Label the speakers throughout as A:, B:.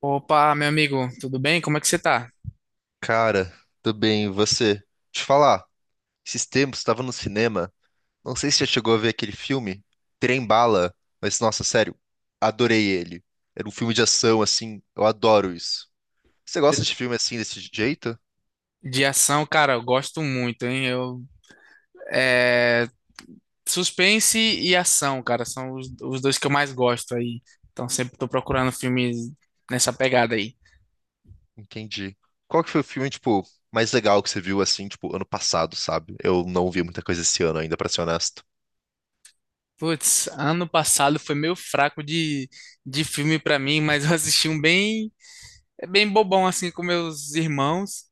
A: Opa, meu amigo, tudo bem? Como é que você tá?
B: Cara, tudo bem, e você? Deixa eu te falar, esses tempos estava no cinema, não sei se já chegou a ver aquele filme, Trem Bala, mas nossa, sério, adorei ele. Era um filme de ação, assim, eu adoro isso. Você gosta de filme assim, desse jeito?
A: De ação, cara, eu gosto muito, hein? É, suspense e ação, cara, são os dois que eu mais gosto aí. Então sempre tô procurando filmes nessa pegada aí.
B: Entendi. Qual que foi o filme, tipo, mais legal que você viu, assim, tipo, ano passado, sabe? Eu não vi muita coisa esse ano ainda, pra ser honesto.
A: Putz, ano passado foi meio fraco de filme pra mim, mas eu assisti um bem bobão assim com meus irmãos.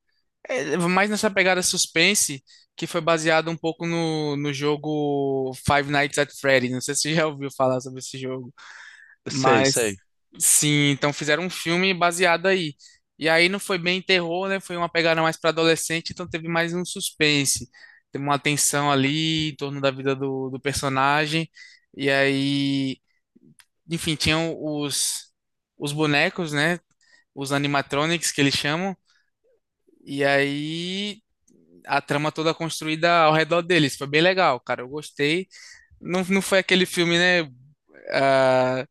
A: É, mais nessa pegada suspense, que foi baseado um pouco no jogo Five Nights at Freddy. Não sei se você já ouviu falar sobre esse jogo.
B: Sei,
A: Mas
B: sei.
A: sim, então fizeram um filme baseado aí. E aí não foi bem terror, né? Foi uma pegada mais para adolescente, então teve mais um suspense. Teve uma tensão ali em torno da vida do personagem. E aí, enfim, tinham os bonecos, né? Os animatronics que eles chamam. E aí a trama toda construída ao redor deles. Foi bem legal, cara. Eu gostei. Não, não foi aquele filme, né? Ah,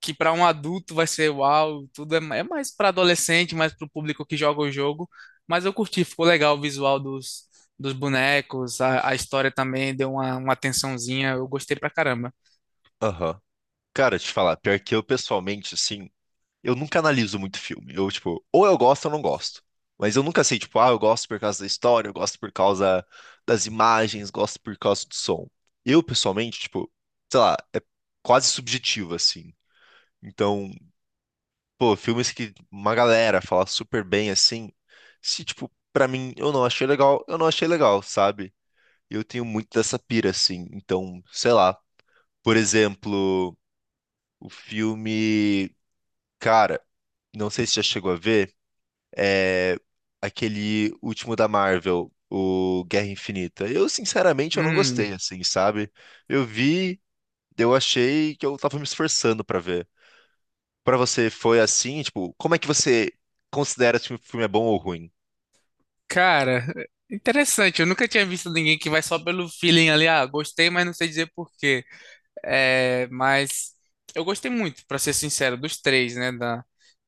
A: que para um adulto vai ser uau, tudo é mais para adolescente, mais para o público que joga o jogo. Mas eu curti, ficou legal o visual dos bonecos, a história também deu uma atençãozinha, eu gostei pra caramba.
B: Aham. Cara, te falar, pior que eu pessoalmente, assim. Eu nunca analiso muito filme. Eu, tipo, ou eu gosto ou não gosto. Mas eu nunca sei, tipo, ah, eu gosto por causa da história, eu gosto por causa das imagens, gosto por causa do som. Eu, pessoalmente, tipo, sei lá, é quase subjetivo, assim. Então, pô, filmes que uma galera fala super bem, assim, se, tipo, pra mim, eu não achei legal, eu não achei legal, sabe? Eu tenho muito dessa pira, assim. Então, sei lá, por exemplo, o filme, cara, não sei se já chegou a ver. É, aquele último da Marvel, o Guerra Infinita. Eu, sinceramente, eu não
A: Hum,
B: gostei, assim, sabe? Eu vi, eu achei que eu tava me esforçando pra ver. Pra você foi assim, tipo, como é que você considera se o filme é bom ou ruim?
A: cara, interessante, eu nunca tinha visto ninguém que vai só pelo feeling ali, ah, gostei, mas não sei dizer por quê. É, mas eu gostei muito, pra ser sincero, dos três, né? Da,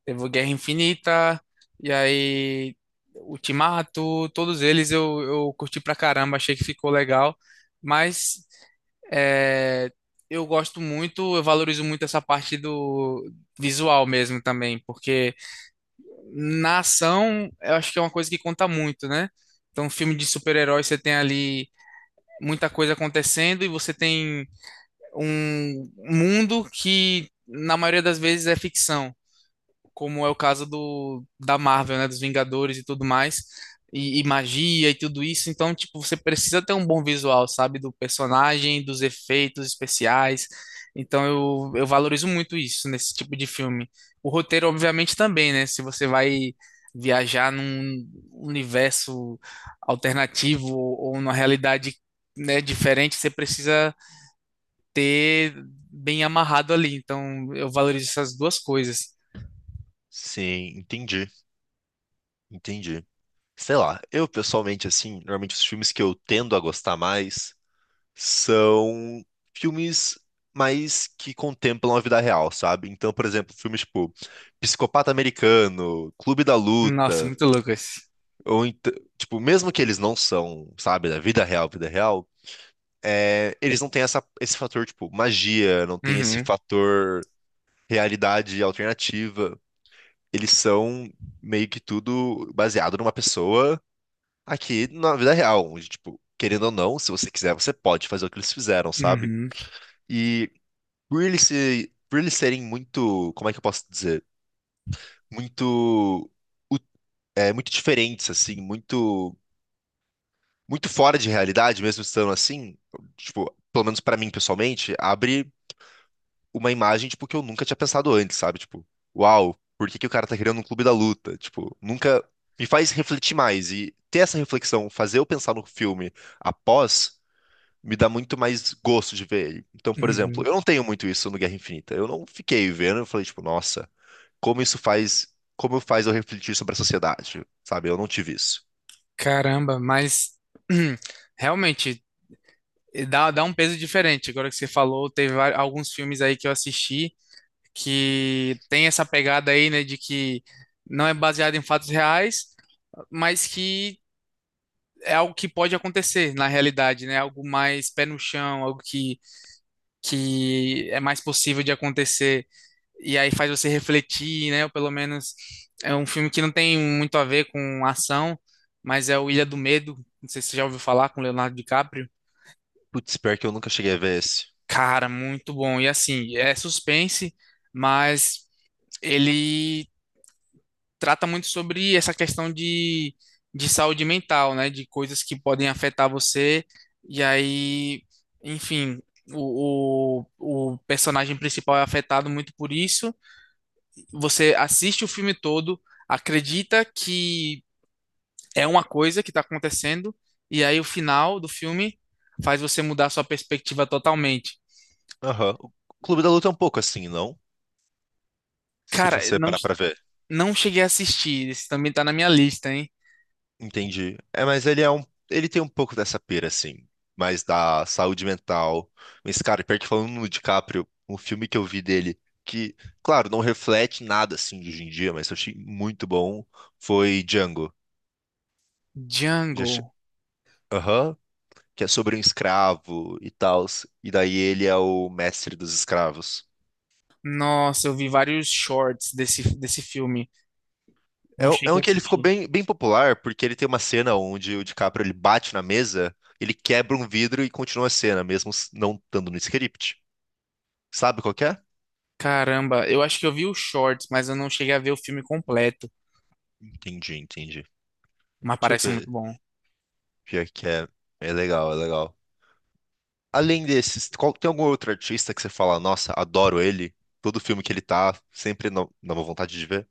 A: teve o Guerra Infinita, e aí Ultimato, todos eles eu curti pra caramba, achei que ficou legal. Mas é, eu gosto muito, eu valorizo muito essa parte do visual mesmo também, porque na ação eu acho que é uma coisa que conta muito, né? Então, filme de super-herói, você tem ali muita coisa acontecendo e você tem um mundo que na maioria das vezes é ficção, como é o caso do da Marvel, né, dos Vingadores e tudo mais, e magia e tudo isso. Então, tipo, você precisa ter um bom visual, sabe, do personagem, dos efeitos especiais. Então, eu valorizo muito isso nesse tipo de filme. O roteiro, obviamente, também, né? Se você vai viajar num universo alternativo ou numa realidade, né, diferente, você precisa ter bem amarrado ali. Então, eu valorizo essas duas coisas.
B: Sim, entendi, entendi. Sei lá, eu pessoalmente, assim, normalmente os filmes que eu tendo a gostar mais são filmes mais que contemplam a vida real, sabe? Então, por exemplo, filmes tipo Psicopata Americano, Clube da
A: Nossa,
B: Luta,
A: muito louco esse.
B: ou ent- tipo, mesmo que eles não são, sabe, da vida real, é, eles não têm essa, esse fator, tipo, magia, não tem esse
A: Uhum,
B: fator realidade alternativa. Eles são meio que tudo baseado numa pessoa aqui na vida real, onde, tipo, querendo ou não, se você quiser, você pode fazer o que eles fizeram, sabe?
A: uhum,
B: E por eles, por eles serem muito, como é que eu posso dizer? Muito, u- muito diferentes, assim, muito, muito fora de realidade, mesmo estando assim, tipo, pelo menos pra mim pessoalmente, abre uma imagem, tipo, que eu nunca tinha pensado antes, sabe? Tipo, uau, por que que o cara tá criando um clube da luta? Tipo, nunca me faz refletir mais e ter essa reflexão, fazer eu pensar no filme após me dá muito mais gosto de ver ele. Então, por exemplo,
A: uhum.
B: eu não tenho muito isso no Guerra Infinita. Eu não fiquei vendo, eu falei tipo, nossa, como isso faz, como faz eu refletir sobre a sociedade, sabe? Eu não tive isso.
A: Caramba, mas realmente dá um peso diferente. Agora que você falou, teve alguns filmes aí que eu assisti que tem essa pegada aí, né, de que não é baseado em fatos reais, mas que é algo que pode acontecer na realidade, né? Algo mais pé no chão, algo que é mais possível de acontecer. E aí faz você refletir, né? Ou pelo menos é um filme que não tem muito a ver com ação, mas é o Ilha do Medo. Não sei se você já ouviu falar com Leonardo DiCaprio.
B: Putz, pior que eu nunca cheguei a ver esse.
A: Cara, muito bom. E assim, é suspense, mas ele trata muito sobre essa questão de saúde mental, né? De coisas que podem afetar você. E aí, enfim, o personagem principal é afetado muito por isso. Você assiste o filme todo, acredita que é uma coisa que está acontecendo, e aí o final do filme faz você mudar sua perspectiva totalmente.
B: Aham. O Clube da Luta é um pouco assim, não? Se
A: Cara,
B: você
A: não,
B: parar pra ver.
A: não cheguei a assistir, esse também tá na minha lista, hein?
B: Entendi. É, mas ele tem um pouco dessa pira, assim, mais da saúde mental. Mas, cara, pior que falando no DiCaprio, um filme que eu vi dele, que, claro, não reflete nada, assim, de hoje em dia, mas eu achei muito bom, foi Django. Já, che-
A: Django.
B: Aham, que é sobre um escravo e tal. E daí ele é o mestre dos escravos.
A: Nossa, eu vi vários shorts desse filme.
B: É,
A: Não
B: um- é
A: cheguei
B: um
A: a
B: que ele ficou
A: assistir.
B: bem, bem popular, porque ele tem uma cena onde o DiCaprio ele bate na mesa, ele quebra um vidro e continua a cena, mesmo não estando no script. Sabe qual que é?
A: Caramba, eu acho que eu vi os shorts, mas eu não cheguei a ver o filme completo.
B: Entendi, entendi.
A: Mas
B: Deixa eu
A: parece
B: ver.
A: muito bom.
B: Pior que é. É legal, é legal. Além desses, tem algum outro artista que você fala, nossa, adoro ele? Todo filme que ele tá, sempre dá uma vontade de ver.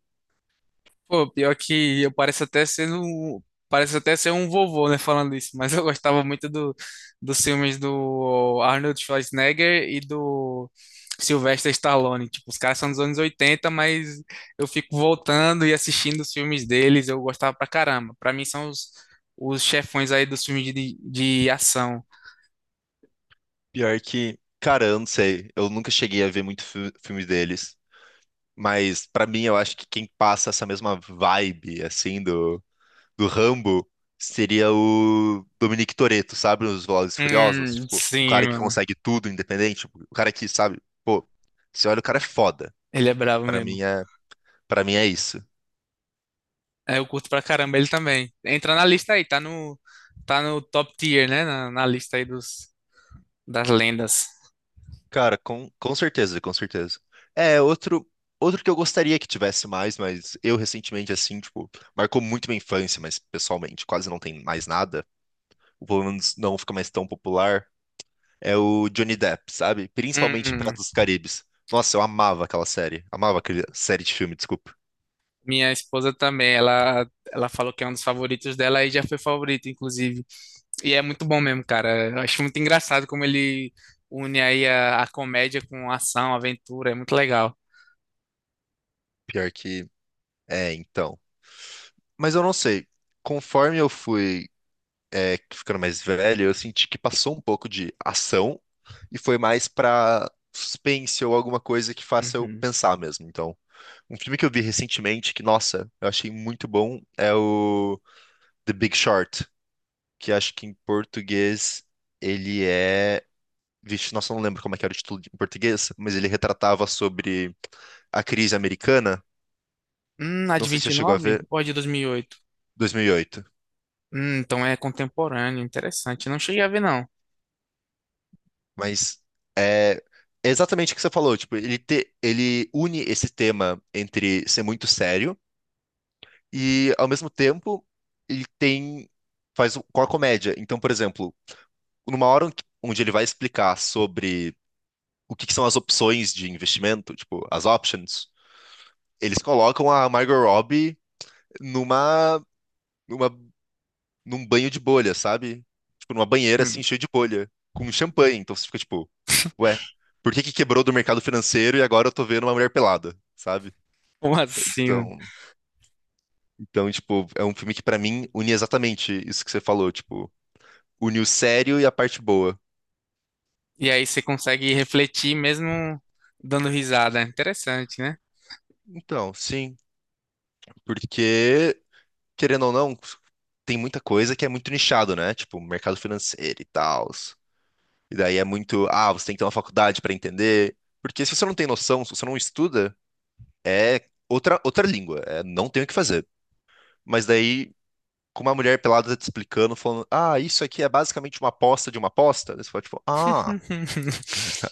A: Pô, pior que eu pareço até pareço até ser um vovô, né, falando isso, mas eu gostava muito dos filmes do Arnold Schwarzenegger e do Sylvester Stallone. Tipo, os caras são dos anos 80 mas eu fico voltando e assistindo os filmes deles, eu gostava pra caramba. Pra mim são os chefões aí dos filmes de ação.
B: Pior que, cara, eu não sei. Eu nunca cheguei a ver muito filme deles. Mas pra mim, eu acho que quem passa essa mesma vibe, assim, do, Rambo seria o Dominic Toretto, sabe? Os Velozes e Furiosos. Tipo, o
A: Sim,
B: cara que
A: mano.
B: consegue tudo independente, tipo, o cara que, sabe? Pô, você olha, o cara é foda.
A: Ele é bravo
B: Pra
A: mesmo.
B: mim é, pra mim é isso.
A: É, eu curto pra caramba ele também. Entra na lista aí, tá no top tier, né? Na lista aí dos das lendas.
B: Cara, com certeza, com certeza. É, outro que eu gostaria que tivesse mais, mas eu recentemente, assim, tipo, marcou muito minha infância, mas pessoalmente quase não tem mais nada. Ou pelo menos não fica mais tão popular. É o Johnny Depp, sabe? Principalmente em
A: Hum,
B: Piratas dos Caribes. Nossa, eu amava aquela série. Amava aquela série de filme, desculpa.
A: minha esposa também, ela falou que é um dos favoritos dela e já foi favorito, inclusive. E é muito bom mesmo, cara. Eu acho muito engraçado como ele une aí a comédia com ação, aventura, é muito legal.
B: Pior que. É, então. Mas eu não sei. Conforme eu fui ficando mais velho, eu senti que passou um pouco de ação e foi mais pra suspense ou alguma coisa que faça eu
A: Uhum.
B: pensar mesmo. Então, um filme que eu vi recentemente que, nossa, eu achei muito bom é o The Big Short, que acho que em português ele é. Vixe, nossa, eu não lembro como é que era o título em português, mas ele retratava sobre a crise americana.
A: A
B: Não
A: de
B: sei se
A: vinte
B: você
A: e
B: chegou a
A: nove,
B: ver,
A: ou a de 2008?
B: 2008,
A: Então é contemporâneo, interessante. Não cheguei a ver, não.
B: mas é, é exatamente o que você falou. Tipo, ele, ele une esse tema entre ser muito sério e, ao mesmo tempo, ele tem com a comédia. Então, por exemplo, numa hora onde ele vai explicar sobre o que que são as opções de investimento, tipo, as options, eles colocam a Margot Robbie numa numa num banho de bolha, sabe? Tipo, numa banheira assim,
A: Hum,
B: cheia de bolha, com champanhe. Então você fica tipo, ué, por que que quebrou do mercado financeiro e agora eu tô vendo uma mulher pelada, sabe?
A: como assim? Mano?
B: Então, então, tipo, é um filme que pra mim une exatamente isso que você falou, tipo, une o sério e a parte boa.
A: E aí você consegue refletir mesmo dando risada. Interessante, né?
B: Então, sim, porque querendo ou não, tem muita coisa que é muito nichado, né? Tipo, mercado financeiro e tal. E daí é muito, você tem que ter uma faculdade pra entender. Porque se você não tem noção, se você não estuda, é outra língua, não tem o que fazer. Mas daí, com uma mulher pelada tá te explicando, falando, ah, isso aqui é basicamente uma aposta de uma aposta, daí você fala, tipo, ah,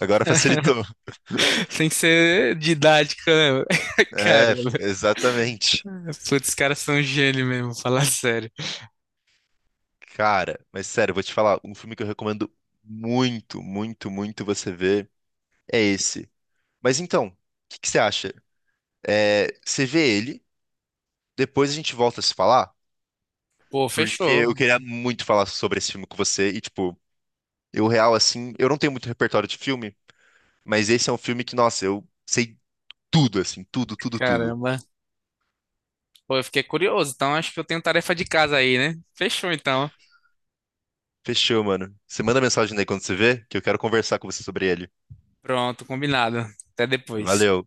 B: agora facilitou.
A: Tem que ser didática, né? Cara,
B: É, exatamente.
A: putz, os caras são gênio mesmo, falar sério.
B: Cara, mas sério, eu vou te falar, um filme que eu recomendo muito, muito, muito você ver é esse. Mas então, o que que você acha? É, você vê ele, depois a gente volta a se falar,
A: Pô,
B: porque
A: fechou.
B: eu queria muito falar sobre esse filme com você e, tipo, eu real, assim, eu não tenho muito repertório de filme, mas esse é um filme que, nossa, eu sei tudo, assim, tudo, tudo, tudo.
A: Caramba. Pô, eu fiquei curioso. Então, acho que eu tenho tarefa de casa aí, né? Fechou, então.
B: Fechou, mano. Você manda mensagem aí quando você vê, que eu quero conversar com você sobre ele.
A: Pronto, combinado. Até depois.
B: Valeu.